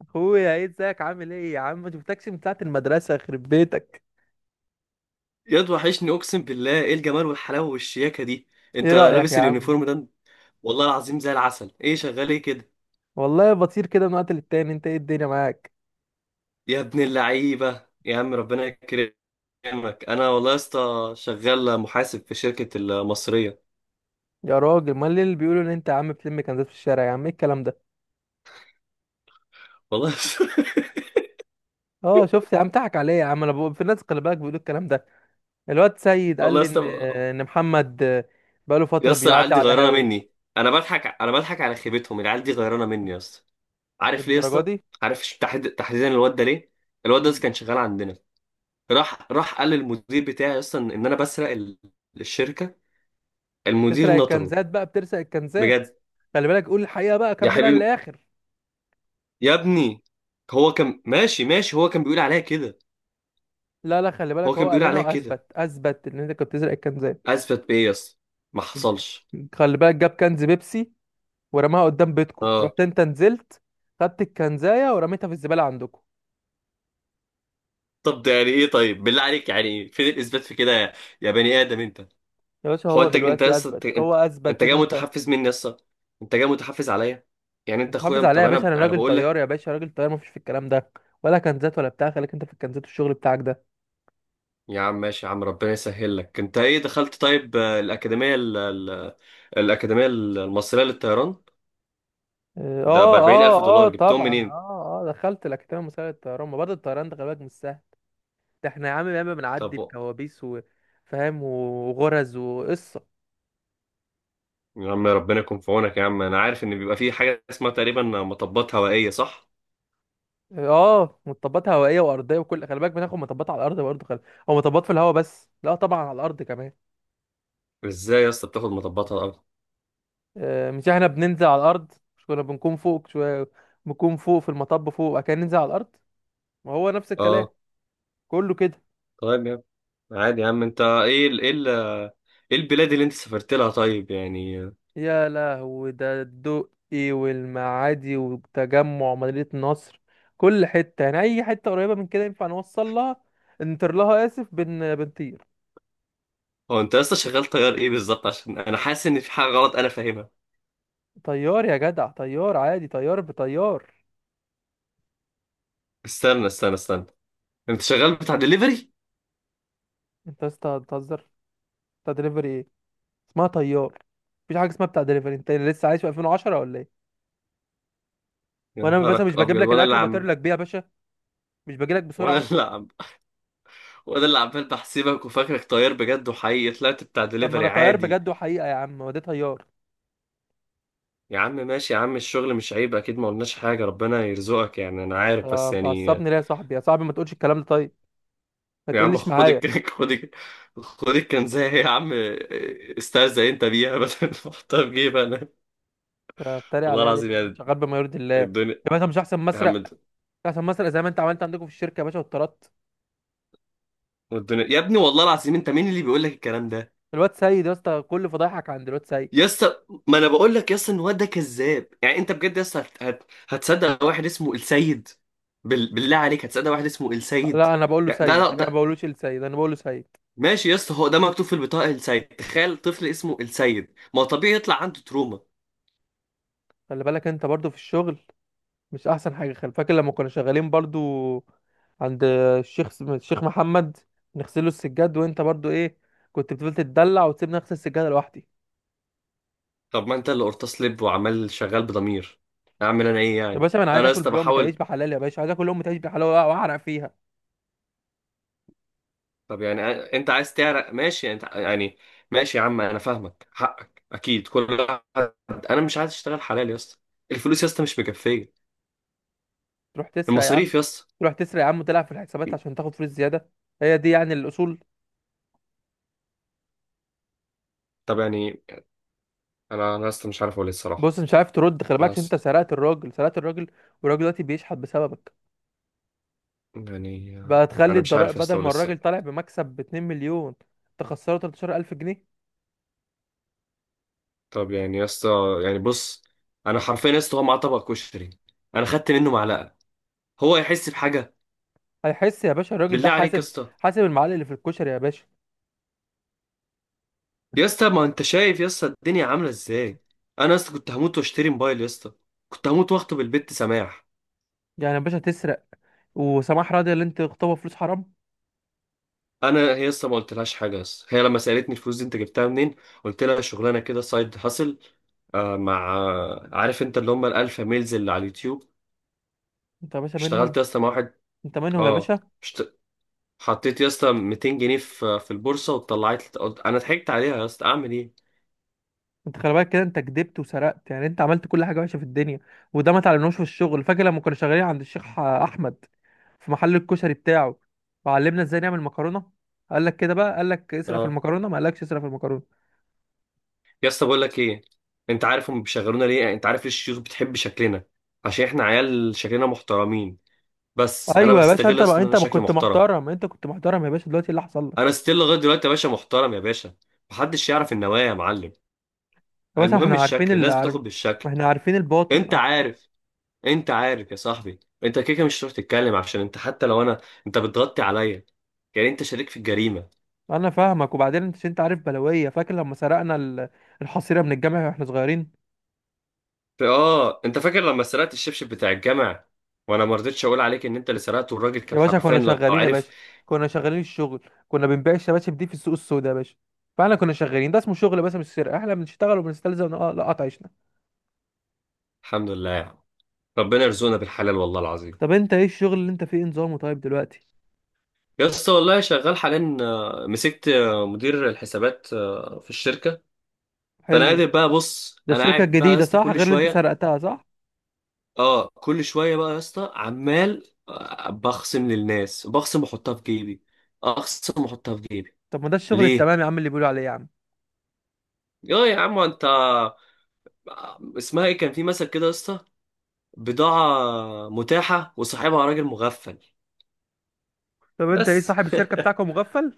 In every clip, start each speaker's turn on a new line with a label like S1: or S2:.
S1: اخويا، ايه؟ ازيك؟ عامل ايه يا عم؟ ما شفتكش من ساعه المدرسه، يخرب بيتك.
S2: ياد وحشني، اقسم بالله ايه الجمال والحلاوه والشياكه دي؟
S1: ايه
S2: انت
S1: رايك يا
S2: لابس
S1: عم؟
S2: اليونيفورم ده؟ والله العظيم زي العسل. ايه شغال ايه كده؟
S1: والله بطير كده من وقت للتاني. انت ايه الدنيا معاك؟
S2: يا ابن اللعيبه، يا عم ربنا يكرمك. انا والله يا اسطى شغال محاسب في شركه المصريه.
S1: يا راجل، ما اللي بيقولوا ان انت يا عم بتلم كنزات في الشارع، يا عم ايه الكلام ده؟
S2: والله يا اسطى-
S1: اه شفت يا عم، ضحك عليا يا عم. انا بقول في الناس، خلي بالك، بيقولوا الكلام ده. الواد سيد قال
S2: والله يا
S1: لي
S2: اسطى.
S1: ان محمد بقاله
S2: يا
S1: فتره
S2: اسطى العيال
S1: بيعدي
S2: دي
S1: على
S2: غيرانه
S1: هاوي.
S2: مني، انا بضحك على خيبتهم. العيال دي غيرانه مني يا اسطى. عارف ليه يا
S1: الدرجه
S2: اسطى؟
S1: دي؟
S2: عارف تحديدا الواد ده ليه؟ الواد ده كان شغال عندنا، راح قال للمدير بتاعي يا اسطى ان انا بسرق الشركه. المدير
S1: تسرق
S2: نطره.
S1: الكنزات بقى، بتسرق الكنزات.
S2: بجد؟
S1: خلي بالك، قول الحقيقه بقى،
S2: يا
S1: كملها
S2: حبيبي،
S1: للاخر.
S2: يا ابني، هو كان ماشي، هو كان بيقول عليها كده.
S1: لا لا، خلي
S2: هو
S1: بالك، هو
S2: كان
S1: قال
S2: بيقول
S1: لنا
S2: عليها كده.
S1: واثبت، اثبت ان انت كنت بتسرق الكنزات.
S2: اثبت بايه يا اسطى؟ ما حصلش.
S1: خلي بالك، جاب كنز بيبسي ورماها قدام بيتكو،
S2: اه.
S1: رحت انت نزلت خدت الكنزايه ورميتها في الزباله عندكم.
S2: طب ده يعني ايه؟ طيب بالله عليك يعني فين الاثبات في كده، يا يا بني ادم انت؟
S1: يا باشا،
S2: هو
S1: هو
S2: انت يا
S1: دلوقتي
S2: اسطى،
S1: اثبت،
S2: انت
S1: هو
S2: انت
S1: اثبت
S2: جاي
S1: ان انت.
S2: متحفز مني يا اسطى. انت جاي متحفز عليا. يعني انت
S1: انت
S2: اخويا،
S1: حافظ عليا
S2: طب
S1: يا باشا،
S2: انا
S1: انا
S2: انا
S1: راجل
S2: بقول
S1: طيار
S2: لك.
S1: يا باشا، راجل طيار، مفيش في الكلام ده ولا كنزات ولا بتاع. خليك انت في الكنزات والشغل بتاعك ده.
S2: يا عم ماشي، يا عم ربنا يسهل لك. انت ايه دخلت؟ طيب، الاكاديميه الاكاديميه المصريه للطيران.
S1: اه
S2: ده ب
S1: اه
S2: 40000
S1: اه آه،
S2: دولار جبتهم
S1: طبعا
S2: منين؟
S1: اه اه دخلت الاكاديميه المصريه للطيران. ما برضه الطيران ده خلي بالك مش سهل، ده احنا يا عم ياما بنعدي
S2: طب
S1: بكوابيس وفاهم وغرز وقصه.
S2: يا عم ربنا يكون في عونك. يا عم انا عارف ان بيبقى في حاجه اسمها تقريبا مطبات هوائيه، صح؟
S1: اه، مطبات هوائيه وارضيه وكل، خلي بالك بناخد مطبات على الارض برضه، خلي، او مطبات في الهواء، بس لا طبعا على الارض كمان.
S2: ازاي يا اسطى بتاخد مطبات على الارض؟
S1: مش احنا بننزل على الارض؟ مش كنا بنكون فوق شويه، بنكون فوق في المطب فوق، وبعد كده ننزل على الارض. ما هو نفس الكلام،
S2: اه.
S1: كله كده.
S2: طيب يا عم. عادي يا عم. انت ايه البلاد اللي انت سافرت لها طيب يعني؟
S1: يا لهوي، ده الدقي والمعادي وتجمع مدينه نصر، كل حته، يعني اي حته قريبه من كده ينفع نوصل لها، نطير لها، اسف بن بنطير.
S2: هو انت لسه شغال طيار ايه بالظبط؟ عشان انا حاسس ان في حاجه غلط انا فاهمها.
S1: طيار يا جدع، طيار عادي، طيار بطيار.
S2: استنى استنى استنى، انت شغال بتاع دليفري؟
S1: انت يا اسطى بتهزر؟ انت دليفري؟ اسمها طيار، مفيش حاجه اسمها بتاع دليفري. انت لسه عايش في 2010 ولا ايه؟
S2: يا
S1: وانا بس مش
S2: نهارك
S1: بجيب
S2: ابيض.
S1: لك الاكل، بطير لك بيه يا باشا، مش باجي لك
S2: وانا
S1: بسرعه؟
S2: اللي عم وانا اللي عمال بحسبك وفاكرك طيار بجد وحقيقي، طلعت بتاع
S1: طب ما انا
S2: دليفري
S1: طيار
S2: عادي.
S1: بجد وحقيقه يا عم، هو ده طيار.
S2: يا عم ماشي، يا عم الشغل مش عيب، اكيد ما قلناش حاجه، ربنا يرزقك يعني. انا عارف بس يعني.
S1: بتعصبني ليه يا صاحبي؟ يا صاحبي، ما تقولش الكلام ده طيب، ما
S2: يا عم
S1: تقلش
S2: خد
S1: معايا.
S2: الك، خد الك، خد الكنزه يا عم. استهزأ انت بيها. بدل ما احطها في جيبي انا.
S1: انت بتتريق
S2: والله
S1: عليا ليه يا
S2: العظيم
S1: عم؟ أنا
S2: يعني،
S1: شغال بما يرضي الله يا
S2: الدنيا.
S1: باشا، مش احسن
S2: يا
S1: مسرق؟
S2: عم.
S1: مش احسن مسرق زي ما انت عملت عندكم في الشركه يا باشا واتطردت.
S2: الدنيا يا ابني، والله العظيم انت مين اللي بيقول لك الكلام ده؟
S1: الواد سيد يا اسطى، كل فضايحك عند الواد
S2: يا
S1: سيد.
S2: اسطى، ما انا بقول لك يا اسطى ان الواد ده كذاب. يعني انت بجد يا اسطى هتصدق واحد اسمه السيد؟ بالله عليك هتصدق واحد اسمه السيد؟
S1: لا انا بقول له
S2: يعني
S1: سيد،
S2: ده
S1: انا ما
S2: ده
S1: بقولوش السيد، انا بقول له سيد.
S2: ماشي يا اسطى، هو ده مكتوب في البطاقه، السيد. تخيل طفل اسمه السيد، ما هو طبيعي يطلع عنده تروما.
S1: خلي بالك انت برضو في الشغل، مش احسن حاجه؟ خل فاكر لما كنا شغالين برضو عند الشيخ، محمد، نغسله السجاد، وانت برضو ايه، كنت بتفضل تتدلع وتسيبني اغسل السجاده لوحدي.
S2: طب ما انت اللي قرطاس لب وعمال شغال بضمير، اعمل انا ايه
S1: يا
S2: يعني؟
S1: باشا ما انا عايز
S2: انا يا
S1: اكل
S2: اسطى
S1: بلقمه عيش
S2: بحاول.
S1: بحلال يا باشا، عايز اكل لقمه عيش بحلال واعرق فيها.
S2: طب يعني انت عايز تعرق، ماشي انت يعني. ماشي يا عم انا فاهمك، حقك اكيد، كل واحد. انا مش عايز اشتغل حلال يا اسطى. الفلوس يا اسطى مش مكفيه،
S1: تروح تسرق يا عم؟
S2: المصاريف يا اسطى.
S1: تروح تسرق يا عم وتلعب في الحسابات عشان تاخد فلوس زياده؟ هي دي يعني الاصول؟
S2: طب يعني انا يا اسطى مش عارف اقول إيه
S1: بص،
S2: الصراحه.
S1: مش عارف ترد، خلي
S2: انا
S1: بالك،
S2: يا
S1: عشان انت
S2: اسطى،
S1: سرقت الراجل، سرقت الراجل، والراجل دلوقتي بيشحت بسببك.
S2: يعني
S1: بقى تخلي
S2: انا مش عارف
S1: الضرائب
S2: يا
S1: بدل
S2: اسطى اقول
S1: ما الراجل
S2: إيه.
S1: طالع بمكسب ب 2 مليون، تخسره 13,000 جنيه؟
S2: طب يعني يا اسطى، يعني بص، انا حرفيا يا اسطى هو معاه طبق كشري، انا خدت منه معلقه، هو يحس بحاجه؟
S1: هيحس يا باشا الراجل ده؟
S2: بالله عليك يا
S1: حاسب،
S2: اسطى.
S1: حاسب المعلق اللي في الكشري يا باشا.
S2: يا اسطى ما انت شايف يا اسطى الدنيا عامله ازاي. انا يا اسطى كنت هموت واشتري موبايل يا اسطى، كنت هموت واخطب البت سماح.
S1: يعني يا باشا تسرق، وسماح راضي اللي انت تخطبها فلوس حرام؟
S2: انا هي يا اسطى ما قلتلهاش حاجه يا اسطى، هي لما سالتني الفلوس دي انت جبتها منين قلت لها شغلانه كده سايد هاسل. آه مع آه، عارف انت اللي هم الالفا ميلز اللي على اليوتيوب،
S1: انت يا باشا منهم؟
S2: اشتغلت يا اسطى مع واحد.
S1: انت منهم يا
S2: اه.
S1: باشا.
S2: حطيت يا اسطى 200 جنيه في البورصه وطلعت لي، قلت انا ضحكت عليها يا اسطى، اعمل ايه؟
S1: انت خلي بالك كده، انت كدبت وسرقت، يعني انت عملت كل حاجه وحشه في الدنيا، وده ما تعلمناهوش في الشغل. فاكر لما كنا شغالين عند الشيخ احمد في محل الكشري بتاعه، وعلمنا ازاي نعمل مكرونه؟ قال لك كده بقى؟ قال لك اسرق في
S2: اه،
S1: المكرونه؟ ما قالكش اسرق في المكرونه.
S2: يا اسطى بقول لك ايه. انت عارف هم بيشغلونا ليه؟ انت عارف ليه الشيوخ بتحب شكلنا؟ عشان احنا عيال شكلنا محترمين. بس انا
S1: ايوه يا باشا
S2: بستغل
S1: انت
S2: اصلا
S1: بقى،
S2: ان انا
S1: انت ما
S2: شكلي
S1: كنت
S2: محترم.
S1: محترم؟ انت كنت محترم يا باشا، دلوقتي إيه اللي حصل
S2: انا
S1: لك؟
S2: ستيل لغايه دلوقتي يا باشا محترم يا باشا، محدش يعرف النوايا يا معلم.
S1: يا باشا
S2: المهم
S1: احنا عارفين
S2: الشكل،
S1: اللي
S2: الناس
S1: عارف،
S2: بتاخد بالشكل.
S1: ما احنا عارفين الباطن.
S2: انت عارف. انت عارف يا صاحبي. انت كده كده مش هتروح تتكلم، عشان انت حتى لو انا، انت بتغطي عليا، يعني انت شريك في الجريمه.
S1: انا فاهمك. وبعدين انت، انت عارف بلويه، فاكر لما سرقنا الحصيره من الجامع واحنا صغيرين؟
S2: اه، انت فاكر لما سرقت الشبشب بتاع الجامع، وانا ما رضيتش اقول عليك ان انت اللي سرقته، والراجل
S1: يا
S2: كان
S1: باشا
S2: حرفيا
S1: كنا
S2: لو
S1: شغالين يا
S2: عارف.
S1: باشا، كنا شغالين الشغل، كنا بنبيع الشباشب دي في السوق السوداء يا باشا، فاحنا كنا شغالين، ده اسمه شغل، بس مش سرقه، احنا بنشتغل وبنستلزم نقطع عيشنا.
S2: الحمد لله يعني. ربنا يرزقنا بالحلال والله العظيم.
S1: طب انت ايه الشغل اللي انت فيه؟ إيه نظامه طيب دلوقتي؟
S2: يا اسطى والله شغال حاليا، مسكت مدير الحسابات في الشركه. فانا
S1: حلو،
S2: قادر بقى. بص،
S1: ده
S2: انا
S1: الشركه
S2: قاعد بقى يا
S1: الجديده
S2: اسطى
S1: صح؟
S2: كل
S1: غير اللي انت
S2: شويه.
S1: سرقتها صح؟
S2: اه، كل شويه بقى يا اسطى عمال بخصم للناس، بخصم واحطها في جيبي، اخصم واحطها في جيبي.
S1: طب ما ده الشغل
S2: ليه؟
S1: التمام يا عم اللي بيقولوا عليه يا عم.
S2: يا يا عم انت، اسمها ايه، كان في مثل كده يا اسطى، بضاعة متاحة وصاحبها راجل مغفل.
S1: طب انت ايه،
S2: بس،
S1: صاحب الشركه بتاعكم مغفل؟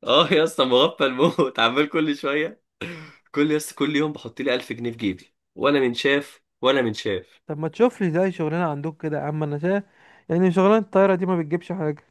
S2: اه يا اسطى مغفل موت. عمال كل شوية، كل يوم بحط لي 1000 جنيه في جيبي، ولا من شاف ولا من شاف.
S1: طب ما تشوف لي زي شغلنا عندك كده يا عم، انا شايف يعني شغلانه الطياره دي ما بتجيبش حاجه.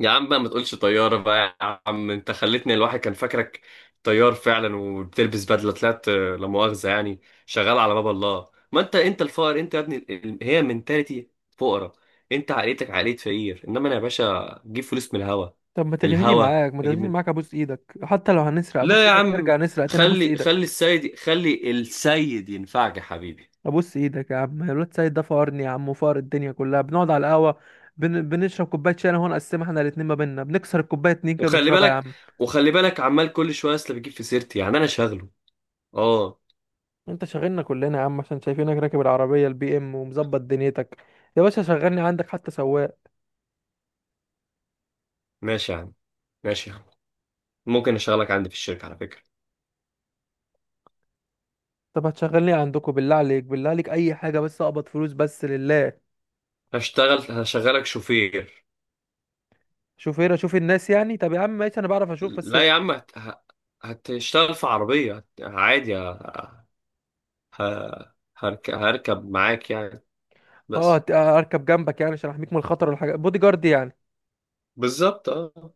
S2: يا عم بقى ما تقولش طيارة بقى يا عم، انت خلتني الواحد كان فاكرك طيار فعلا وبتلبس بدلة، طلعت لا مؤاخذة يعني شغال على باب الله. ما انت انت الفقر. انت يا ابني هي منتاليتي فقرة. انت عائلتك عائلة فقير، انما انا يا باشا جيب فلوس من الهوا.
S1: طب ما تغنيني
S2: الهوا
S1: معاك، ما تغنيني
S2: هجيب.
S1: معاك ابوس ايدك، حتى لو هنسرق ابوس
S2: لا يا
S1: ايدك،
S2: عم،
S1: نرجع نسرق تاني، ابوس
S2: خلي
S1: ايدك،
S2: خلي السيد، خلي السيد ينفعك يا حبيبي.
S1: ابوس ايدك يا عم. الواد سيد ده فقرني يا عم وفقر الدنيا كلها، بنقعد على القهوه، بنشرب كوبايه شاي انا هو، نقسمها احنا الاتنين ما بينا، بنكسر الكوبايه اتنين كده
S2: وخلي
S1: ونشربها يا
S2: بالك،
S1: عم.
S2: وخلي بالك، عمال كل شويه اصل بيجيب في سيرتي، يعني انا شغله. اه،
S1: انت شاغلنا كلنا يا عم، عشان شايفينك راكب العربيه البي ام ومظبط دنيتك. يا باشا شغلني عندك حتى سواق.
S2: ماشي يا عم، ماشي يا عم، ممكن اشغلك عندي في الشركه على فكره،
S1: طب هتشغلني عندكم؟ بالله عليك، بالله عليك، اي حاجه بس اقبض فلوس بس لله.
S2: هشتغل، هشغلك شوفير.
S1: شوف هنا، شوف الناس يعني. طب يا عم ماشي، انا بعرف اشوف بس.
S2: لا يا عم، هتشتغل في عربيه عادي، هركب معاك يعني
S1: اه
S2: بس.
S1: اركب جنبك يعني، عشان احميك من الخطر والحاجات، بودي جارد يعني.
S2: بالظبط اه.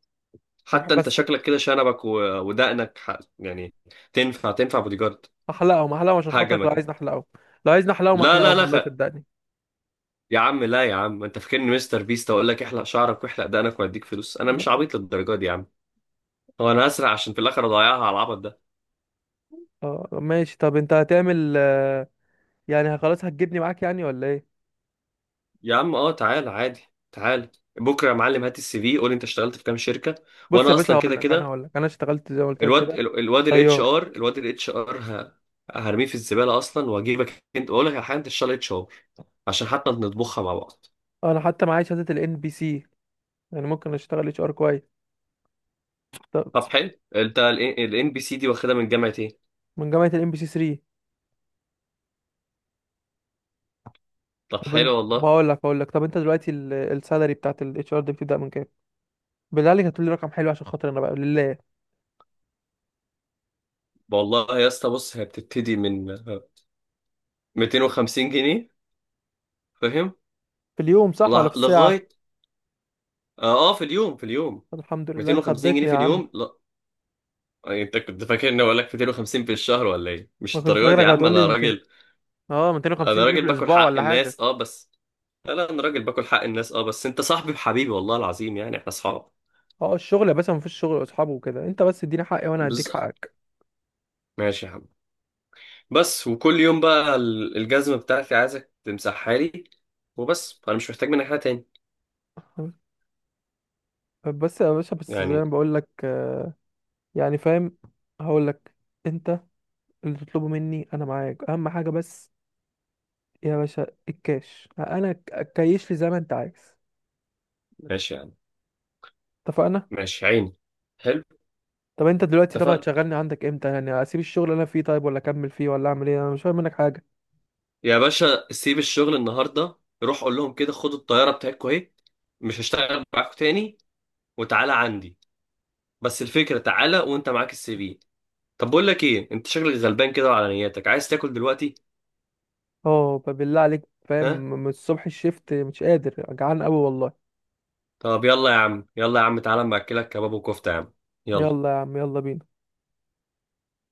S1: طب
S2: حتى انت
S1: بس
S2: شكلك كده شنبك و... ودقنك ح... يعني تنفع بودي جارد.
S1: احلقهم، احلقهم عشان خاطرك، لو
S2: هجمك.
S1: عايزني احلقهم، لو عايزني احلقهم
S2: لا لا
S1: احلقهم،
S2: لا خ-
S1: والله صدقني.
S2: يا عم، لا يا عم، انت فاكرني مستر بيست اقول لك احلق شعرك واحلق دقنك واديك فلوس؟ انا مش عبيط للدرجه دي يا عم، هو انا هسرع عشان في الاخر اضيعها على العبط ده؟
S1: اه ماشي. طب انت هتعمل يعني خلاص هتجيبني معاك يعني ولا ايه؟
S2: يا عم اه، تعال عادي، تعال بكره يا معلم، هات السي في، قول انت اشتغلت في كام شركه.
S1: بص يا
S2: وانا
S1: باشا،
S2: اصلا
S1: هقول
S2: كده
S1: لك انا
S2: كده
S1: هقول لك انا اشتغلت زي ما قلت لك
S2: الواد
S1: كده،
S2: الواد الاتش
S1: طيار.
S2: ار، الواد الاتش ار هرميه في الزباله اصلا، واجيبك انت. اقول لك على حاجه، انت اشتغل اتش ار عشان حتى نطبخها مع بعض.
S1: انا حتى معايا شهاده الان بي سي، يعني ممكن اشتغل اتش ار كويس. طب
S2: طب حلو. انت الان بي سي دي واخدها من جامعه ايه؟
S1: من جامعه الان بي سي 3.
S2: طب
S1: طب انت
S2: حلو
S1: طب
S2: والله.
S1: هقول لك، هقول لك طب انت دلوقتي السالري بتاعت الاتش ار دي بتبدا من كام؟ بالله عليك هتقول لي رقم حلو عشان خاطر انا بقى لله.
S2: والله يا اسطى بص، هي بتبتدي من 250 جنيه، فاهم؟
S1: في اليوم صح ولا في الساعه؟
S2: لغايه اه، في اليوم، في اليوم.
S1: طب الحمد لله، انا
S2: 250 جنيه
S1: خضتني يا
S2: في
S1: عم.
S2: اليوم لا، يعني انت كنت فاكر اني اقول لك 250 في الشهر ولا ايه؟ مش
S1: ما كنت
S2: الدرجه دي
S1: فاكرك
S2: يا عم،
S1: هتقول لي
S2: انا
S1: 200.
S2: راجل،
S1: اه 250
S2: انا
S1: جنيه في
S2: راجل باكل
S1: الاسبوع
S2: حق
S1: ولا حاجه؟
S2: الناس اه بس لا لا، انا راجل باكل حق الناس اه بس انت صاحبي بحبيبي، والله العظيم يعني احنا اصحاب.
S1: اه الشغل يا باشا، مفيش شغل اصحابه وكده، انت بس اديني حقي وانا هديك
S2: بز.
S1: حقك.
S2: ماشي يا عم. بس، وكل يوم بقى الجزمه بتاعتي عايزك تمسحها لي، وبس، انا مش محتاج منك حاجه تاني
S1: بس يا باشا، بس زي
S2: يعني.
S1: ما بقول لك، يعني فاهم. هقول لك، انت اللي تطلبه مني انا معاك، اهم حاجه بس يا باشا الكاش، انا كيش لي زي ما انت عايز.
S2: ماشي يا عم،
S1: اتفقنا.
S2: ماشي عيني. حلو.
S1: طب انت دلوقتي، طب
S2: اتفقنا
S1: هتشغلني عندك امتى يعني؟ اسيب الشغل اللي انا فيه طيب ولا اكمل فيه ولا اعمل ايه؟ انا مش فاهم منك حاجه.
S2: يا باشا، سيب الشغل النهارده، روح قول لهم كده خدوا الطياره بتاعتكم اهي، مش هشتغل معاكم تاني، وتعالى عندي. بس الفكره تعالى وانت معاك السي في. طب بقول لك ايه، انت شكلك غلبان كده وعلى نياتك عايز تاكل دلوقتي.
S1: اه فبالله عليك فاهم،
S2: ها؟
S1: من الصبح الشفت مش قادر، جعان قوي والله.
S2: طب يلا يا عم، يلا يا عم تعالى اما اكلك كباب وكفته يا عم. يلا.
S1: يلا يا عم، يلا بينا.